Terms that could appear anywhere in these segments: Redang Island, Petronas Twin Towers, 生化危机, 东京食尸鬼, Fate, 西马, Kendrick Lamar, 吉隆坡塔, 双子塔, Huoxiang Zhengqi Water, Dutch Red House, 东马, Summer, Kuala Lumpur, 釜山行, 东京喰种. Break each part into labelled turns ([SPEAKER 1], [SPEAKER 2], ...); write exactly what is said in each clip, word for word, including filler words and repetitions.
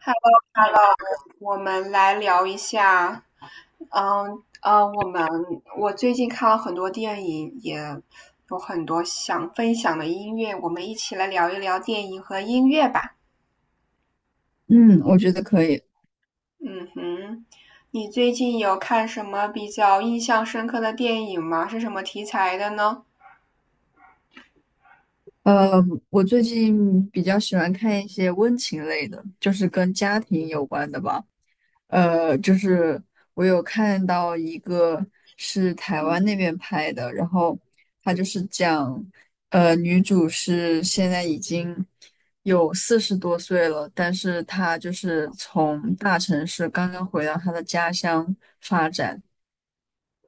[SPEAKER 1] 好，我们来聊一下，嗯呃，我们我最近看了很多电影，也有很多想分享的音乐，我们一起来聊一聊电影和音乐吧。
[SPEAKER 2] 嗯，我觉得可以。
[SPEAKER 1] 嗯哼，你最近有看什么比较印象深刻的电影吗？是什么题材的呢？
[SPEAKER 2] 呃，我最近比较喜欢看一些温情类的，就是跟家庭有关的吧。呃，就是我有看到一个是台湾那边拍的，然后它就是讲，呃，女主是现在已经有四十多岁了，但是她就是从大城市刚刚回到她的家乡。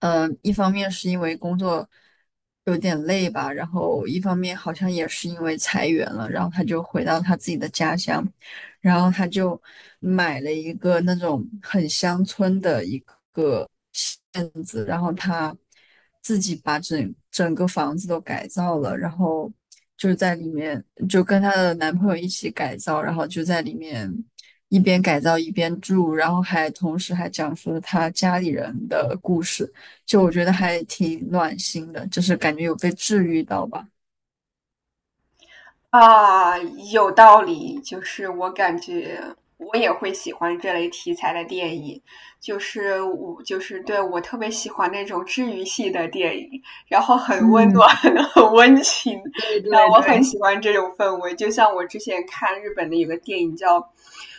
[SPEAKER 2] 嗯呃，一方面是因为工作有点累吧，然后一方面好像也是因为裁员了，然后他就回到他自己的家乡，然后他就买了一个那种很乡村的一个院子，然后他自己把整整个房子都改造了，然后就在里面就跟她的男朋友一起改造，然后就在里面一边改造一边住，然后还同时还讲述了她家里人的故事。就我觉得还挺暖心的，就是感觉有被治愈到吧。
[SPEAKER 1] 啊，有道理。就是我感觉我也会喜欢这类题材的电影，就是我就是对我特别喜欢那种治愈系的电影，然后很温暖、
[SPEAKER 2] 嗯，
[SPEAKER 1] 很温情，
[SPEAKER 2] 对
[SPEAKER 1] 然后
[SPEAKER 2] 对
[SPEAKER 1] 我很
[SPEAKER 2] 对。
[SPEAKER 1] 喜欢这种氛围。就像我之前看日本的有个电影叫，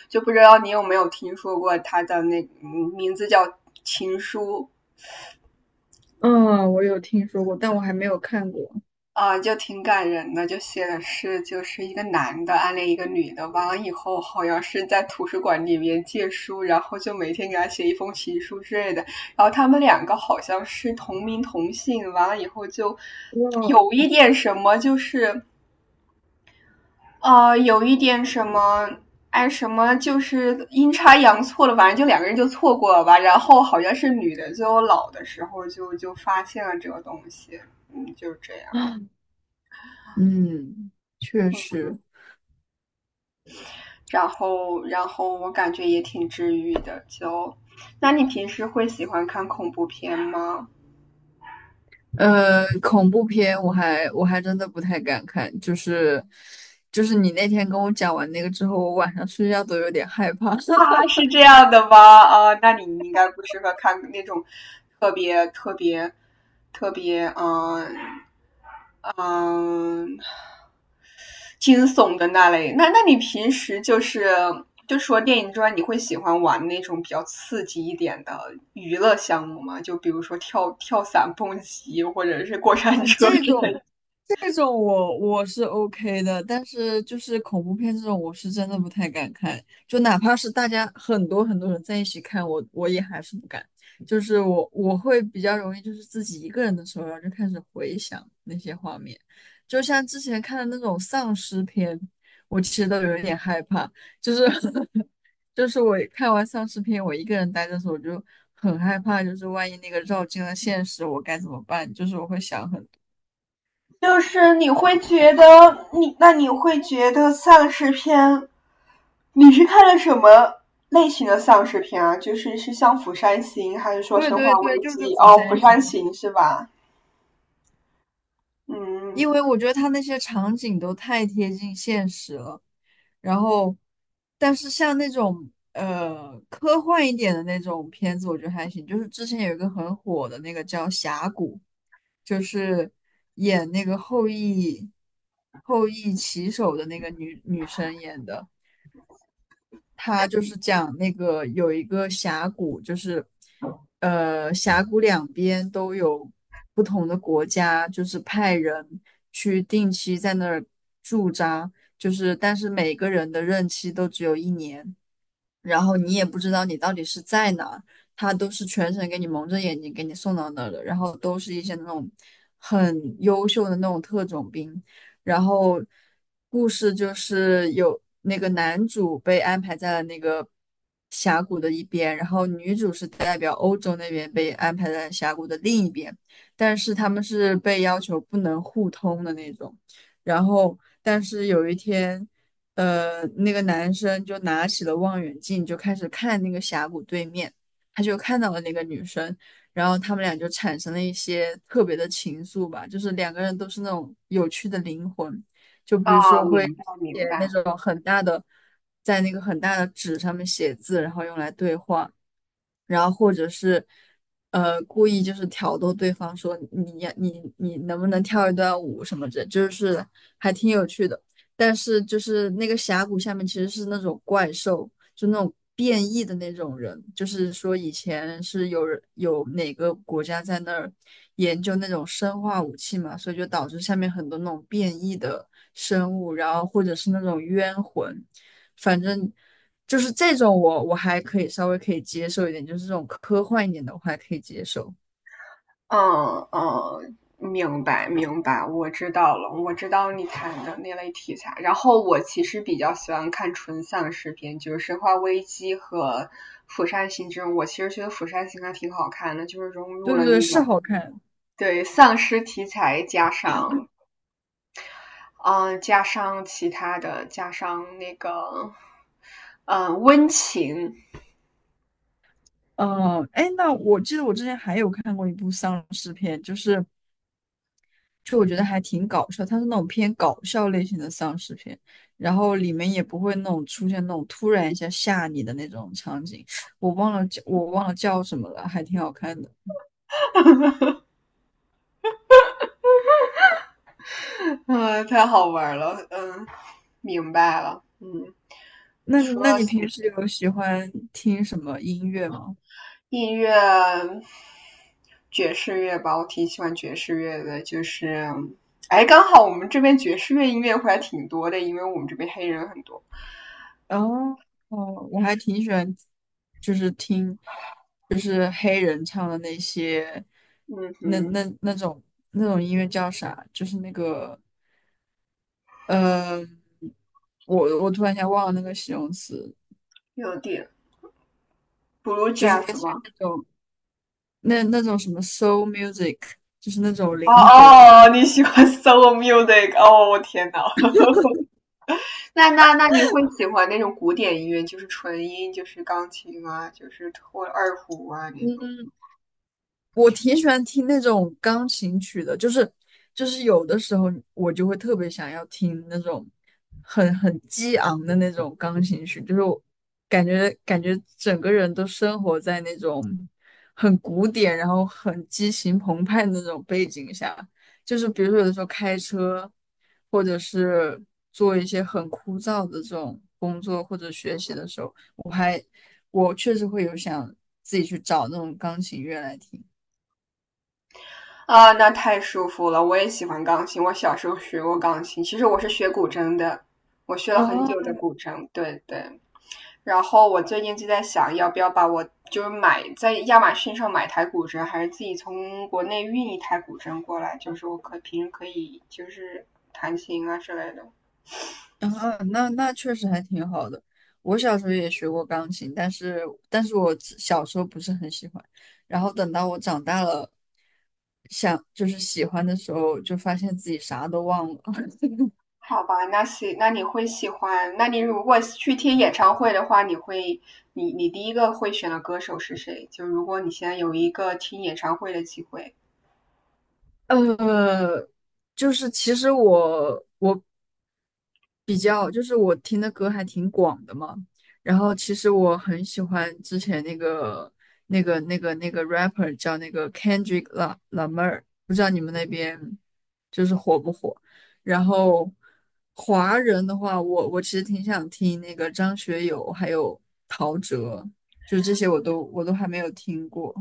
[SPEAKER 1] 就不知道你有没有听说过它的那嗯名字叫《情书》。
[SPEAKER 2] 嗯，我有听说过，但我还没有看过。
[SPEAKER 1] 啊，就挺感人的，就写的是就是一个男的暗恋一个女的，完了以后好像是在图书馆里面借书，然后就每天给他写一封情书之类的。然后他们两个好像是同名同姓，完了以后就
[SPEAKER 2] 哇，
[SPEAKER 1] 有一点什么，就是啊，有一点什么。哎，什么就是阴差阳错了，反正就两个人就错过了吧。然后好像是女的，最后老的时候就就发现了这个东西，嗯，就是这样。
[SPEAKER 2] 嗯，确实。
[SPEAKER 1] 然后然后我感觉也挺治愈的。就，那你平时会喜欢看恐怖片吗？
[SPEAKER 2] 呃，恐怖片我还我还真的不太敢看，就是就是你那天跟我讲完那个之后，我晚上睡觉都有点害怕。
[SPEAKER 1] 啊，是这样的吗？啊，那你应该不适合看那种特别特别特别嗯嗯惊悚的那类。那那你平时就是就除了电影之外，你会喜欢玩那种比较刺激一点的娱乐项目吗？就比如说跳跳伞、蹦极，或者是过
[SPEAKER 2] 啊，
[SPEAKER 1] 山车
[SPEAKER 2] 这
[SPEAKER 1] 之
[SPEAKER 2] 种
[SPEAKER 1] 类。
[SPEAKER 2] 这种我我是 OK 的，但是就是恐怖片这种，我是真的不太敢看。就哪怕是大家很多很多人在一起看，我我也还是不敢。就是我我会比较容易，就是自己一个人的时候，然后就开始回想那些画面。就像之前看的那种丧尸片，我其实都有一点害怕。就是 就是我看完丧尸片，我一个人待着的时候，我就很害怕，就是万一那个绕进了现实，我该怎么办？就是我会想很
[SPEAKER 1] 就是你会觉得你，那你会觉得丧尸片，你是看了什么类型的丧尸片啊？就是是像《釜山行》，还是说
[SPEAKER 2] 对
[SPEAKER 1] 《生
[SPEAKER 2] 对
[SPEAKER 1] 化
[SPEAKER 2] 对，
[SPEAKER 1] 危
[SPEAKER 2] 就是
[SPEAKER 1] 机》？
[SPEAKER 2] 《釜
[SPEAKER 1] 哦，《釜
[SPEAKER 2] 山行》，
[SPEAKER 1] 山行》是吧？嗯，
[SPEAKER 2] 因为我觉得它那些场景都太贴近现实了。然后，但是像那种呃科幻一点的那种片子，我觉得还行。就是之前有一个很火的那个叫《峡谷》，就是演那个后羿后羿骑手的那个女女生演的。他就是讲那个有一个峡谷，就是呃峡谷两边都有不同的国家，就是派人去定期在那儿驻扎，就是但是每个人的任期都只有一年。然后你也不知道你到底是在哪儿，他都是全程给你蒙着眼睛给你送到那儿的，然后都是一些那种很优秀的那种特种兵，然后故事就是有那个男主被安排在了那个峡谷的一边，然后女主是代表欧洲那边被安排在峡谷的另一边，但是他们是被要求不能互通的那种，然后但是有一天。呃，那个男生就拿起了望远镜，就开始看那个峡谷对面，他就看到了那个女生，然后他们俩就产生了一些特别的情愫吧，就是两个人都是那种有趣的灵魂，就比如
[SPEAKER 1] 啊，
[SPEAKER 2] 说会
[SPEAKER 1] 明白明
[SPEAKER 2] 写那
[SPEAKER 1] 白。
[SPEAKER 2] 种很大的，在那个很大的纸上面写字，然后用来对话，然后或者是呃故意就是挑逗对方说你呀你你能不能跳一段舞什么的，就是还挺有趣的。但是就是那个峡谷下面其实是那种怪兽，就那种变异的那种人，就是说以前是有人有哪个国家在那儿研究那种生化武器嘛，所以就导致下面很多那种变异的生物，然后或者是那种冤魂，反正。就是这种我我还可以稍微可以接受一点，就是这种科幻一点的我还可以接受。
[SPEAKER 1] 嗯嗯，明白明白，我知道了，我知道你谈的那类题材。然后我其实比较喜欢看纯丧尸片，就是《生化危机》和《釜山行》这种。我其实觉得《釜山行》还挺好看的，就是融入
[SPEAKER 2] 对对
[SPEAKER 1] 了
[SPEAKER 2] 对，
[SPEAKER 1] 那
[SPEAKER 2] 是
[SPEAKER 1] 种
[SPEAKER 2] 好看。
[SPEAKER 1] 对丧尸题材，加上嗯呃加上其他的，加上那个嗯呃温情。
[SPEAKER 2] 嗯、呃，哎，那我记得我之前还有看过一部丧尸片，就是就我觉得还挺搞笑，它是那种偏搞笑类型的丧尸片，然后里面也不会那种出现那种突然一下吓你的那种场景。我忘了叫我忘了叫什么了，还挺好看的。
[SPEAKER 1] 嗯太好玩了，嗯明白了，嗯。
[SPEAKER 2] 那那你
[SPEAKER 1] 我。
[SPEAKER 2] 平时有喜欢听什么音乐吗？
[SPEAKER 1] 音乐，爵士乐吧，我挺喜欢爵士乐的，就是，哎，刚好我们这边爵士乐音乐会还挺多的，因为我们这边黑人很多。
[SPEAKER 2] 哦哦，我还挺喜欢，就是听，就是黑人唱的那些。
[SPEAKER 1] 嗯
[SPEAKER 2] 那那
[SPEAKER 1] 哼，
[SPEAKER 2] 那种那种音乐叫啥？就是那个，呃，我我突然间忘了那个形容词，
[SPEAKER 1] 有点 blue
[SPEAKER 2] 就是
[SPEAKER 1] jazz
[SPEAKER 2] 类似于
[SPEAKER 1] 吗？
[SPEAKER 2] 那种那那种什么 soul music,就是那种
[SPEAKER 1] 哦
[SPEAKER 2] 灵魂。
[SPEAKER 1] 哦，你喜欢 solo music？哦，我天呐。那那那你会喜欢那种古典音乐，就是纯音，就是钢琴啊，就是或者二胡啊那种。
[SPEAKER 2] 嗯。我挺喜欢听那种钢琴曲的，就是就是有的时候我就会特别想要听那种很很激昂的那种钢琴曲，就是我感觉感觉整个人都生活在那种很古典，然后很激情澎湃的那种背景下。就是比如说有的时候开车，或者是做一些很枯燥的这种工作或者学习的时候，我还我确实会有想自己去找那种钢琴乐来听。
[SPEAKER 1] 啊，那太舒服了！我也喜欢钢琴，我小时候学过钢琴。其实我是学古筝的，我学了很久
[SPEAKER 2] 哦，
[SPEAKER 1] 的古筝。对对。然后我最近就在想，要不要把我就是买在亚马逊上买台古筝，还是自己从国内运一台古筝过来？就是我可平时可以就是弹琴啊之类的。
[SPEAKER 2] 啊，那那确实还挺好的。我小时候也学过钢琴，但是但是我只小时候不是很喜欢，然后等到我长大了，想就是喜欢的时候，就发现自己啥都忘了。
[SPEAKER 1] 好吧，那喜那你会喜欢？那你如果去听演唱会的话，你会你你第一个会选的歌手是谁？就如果你现在有一个听演唱会的机会。
[SPEAKER 2] 呃，就是其实我比较就是我听的歌还挺广的嘛，然后其实我很喜欢之前那个那个那个那个 rapper 叫那个 Kendrick La Lamar,不知道你们那边就是火不火？然后华人的话，我我其实挺想听那个张学友还有陶喆，就是这些我都我都还没有听过。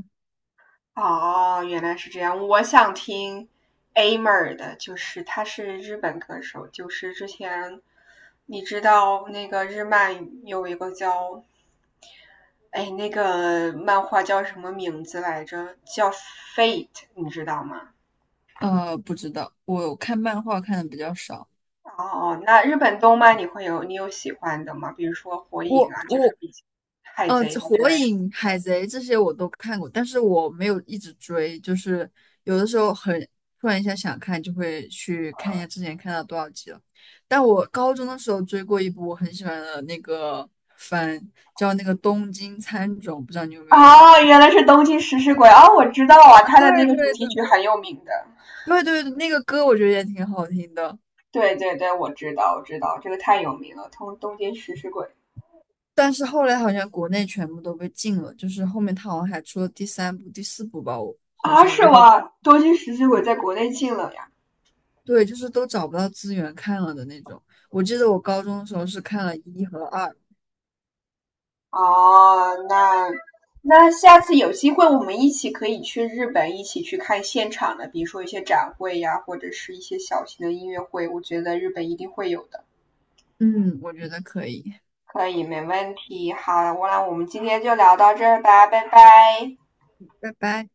[SPEAKER 1] 哦，原来是这样。我想听 A 妹儿的，就是他是日本歌手，就是之前你知道那个日漫有一个叫哎那个漫画叫什么名字来着？叫 Fate，你知道吗？
[SPEAKER 2] 呃，不知道，我看漫画看的比较少。
[SPEAKER 1] 哦，那日本动漫你会有你有喜欢的吗？比如说火影
[SPEAKER 2] 我
[SPEAKER 1] 啊，就是
[SPEAKER 2] 我
[SPEAKER 1] 比海
[SPEAKER 2] 呃，
[SPEAKER 1] 贼
[SPEAKER 2] 这
[SPEAKER 1] 啊之
[SPEAKER 2] 火
[SPEAKER 1] 类的。
[SPEAKER 2] 影、海贼这些我都看过，但是我没有一直追，就是有的时候很突然一下想看，就会去看一下之前看到多少集了。但我高中的时候追过一部我很喜欢的那个番，叫那个《东京喰种》，不知道你有没有？
[SPEAKER 1] 哦，原来是东京食尸鬼哦，我知道啊，
[SPEAKER 2] 啊，
[SPEAKER 1] 他
[SPEAKER 2] 对
[SPEAKER 1] 的那个主
[SPEAKER 2] 对
[SPEAKER 1] 题曲
[SPEAKER 2] 对
[SPEAKER 1] 很有名的。
[SPEAKER 2] 对对，那个歌我觉得也挺好听的，
[SPEAKER 1] 对对对，我知道，我知道，这个太有名了，东东京食尸鬼
[SPEAKER 2] 但是后来好像国内全部都被禁了，就是后面他好像还出了第三部、第四部吧，我好
[SPEAKER 1] 啊，
[SPEAKER 2] 像，然
[SPEAKER 1] 是
[SPEAKER 2] 后。
[SPEAKER 1] 吗？东京食尸鬼
[SPEAKER 2] 对。
[SPEAKER 1] 在国内禁了呀。
[SPEAKER 2] 对，就是都找不到资源看了的那种。我记得我高中的时候是看了一和二。
[SPEAKER 1] 哦，那那下次有机会我们一起可以去日本，一起去看现场的，比如说一些展会呀，或者是一些小型的音乐会，我觉得日本一定会有的。
[SPEAKER 2] 嗯，我觉得可以，
[SPEAKER 1] 可以，没问题。好，我那我们今天就聊到这儿吧，拜拜。
[SPEAKER 2] 拜拜。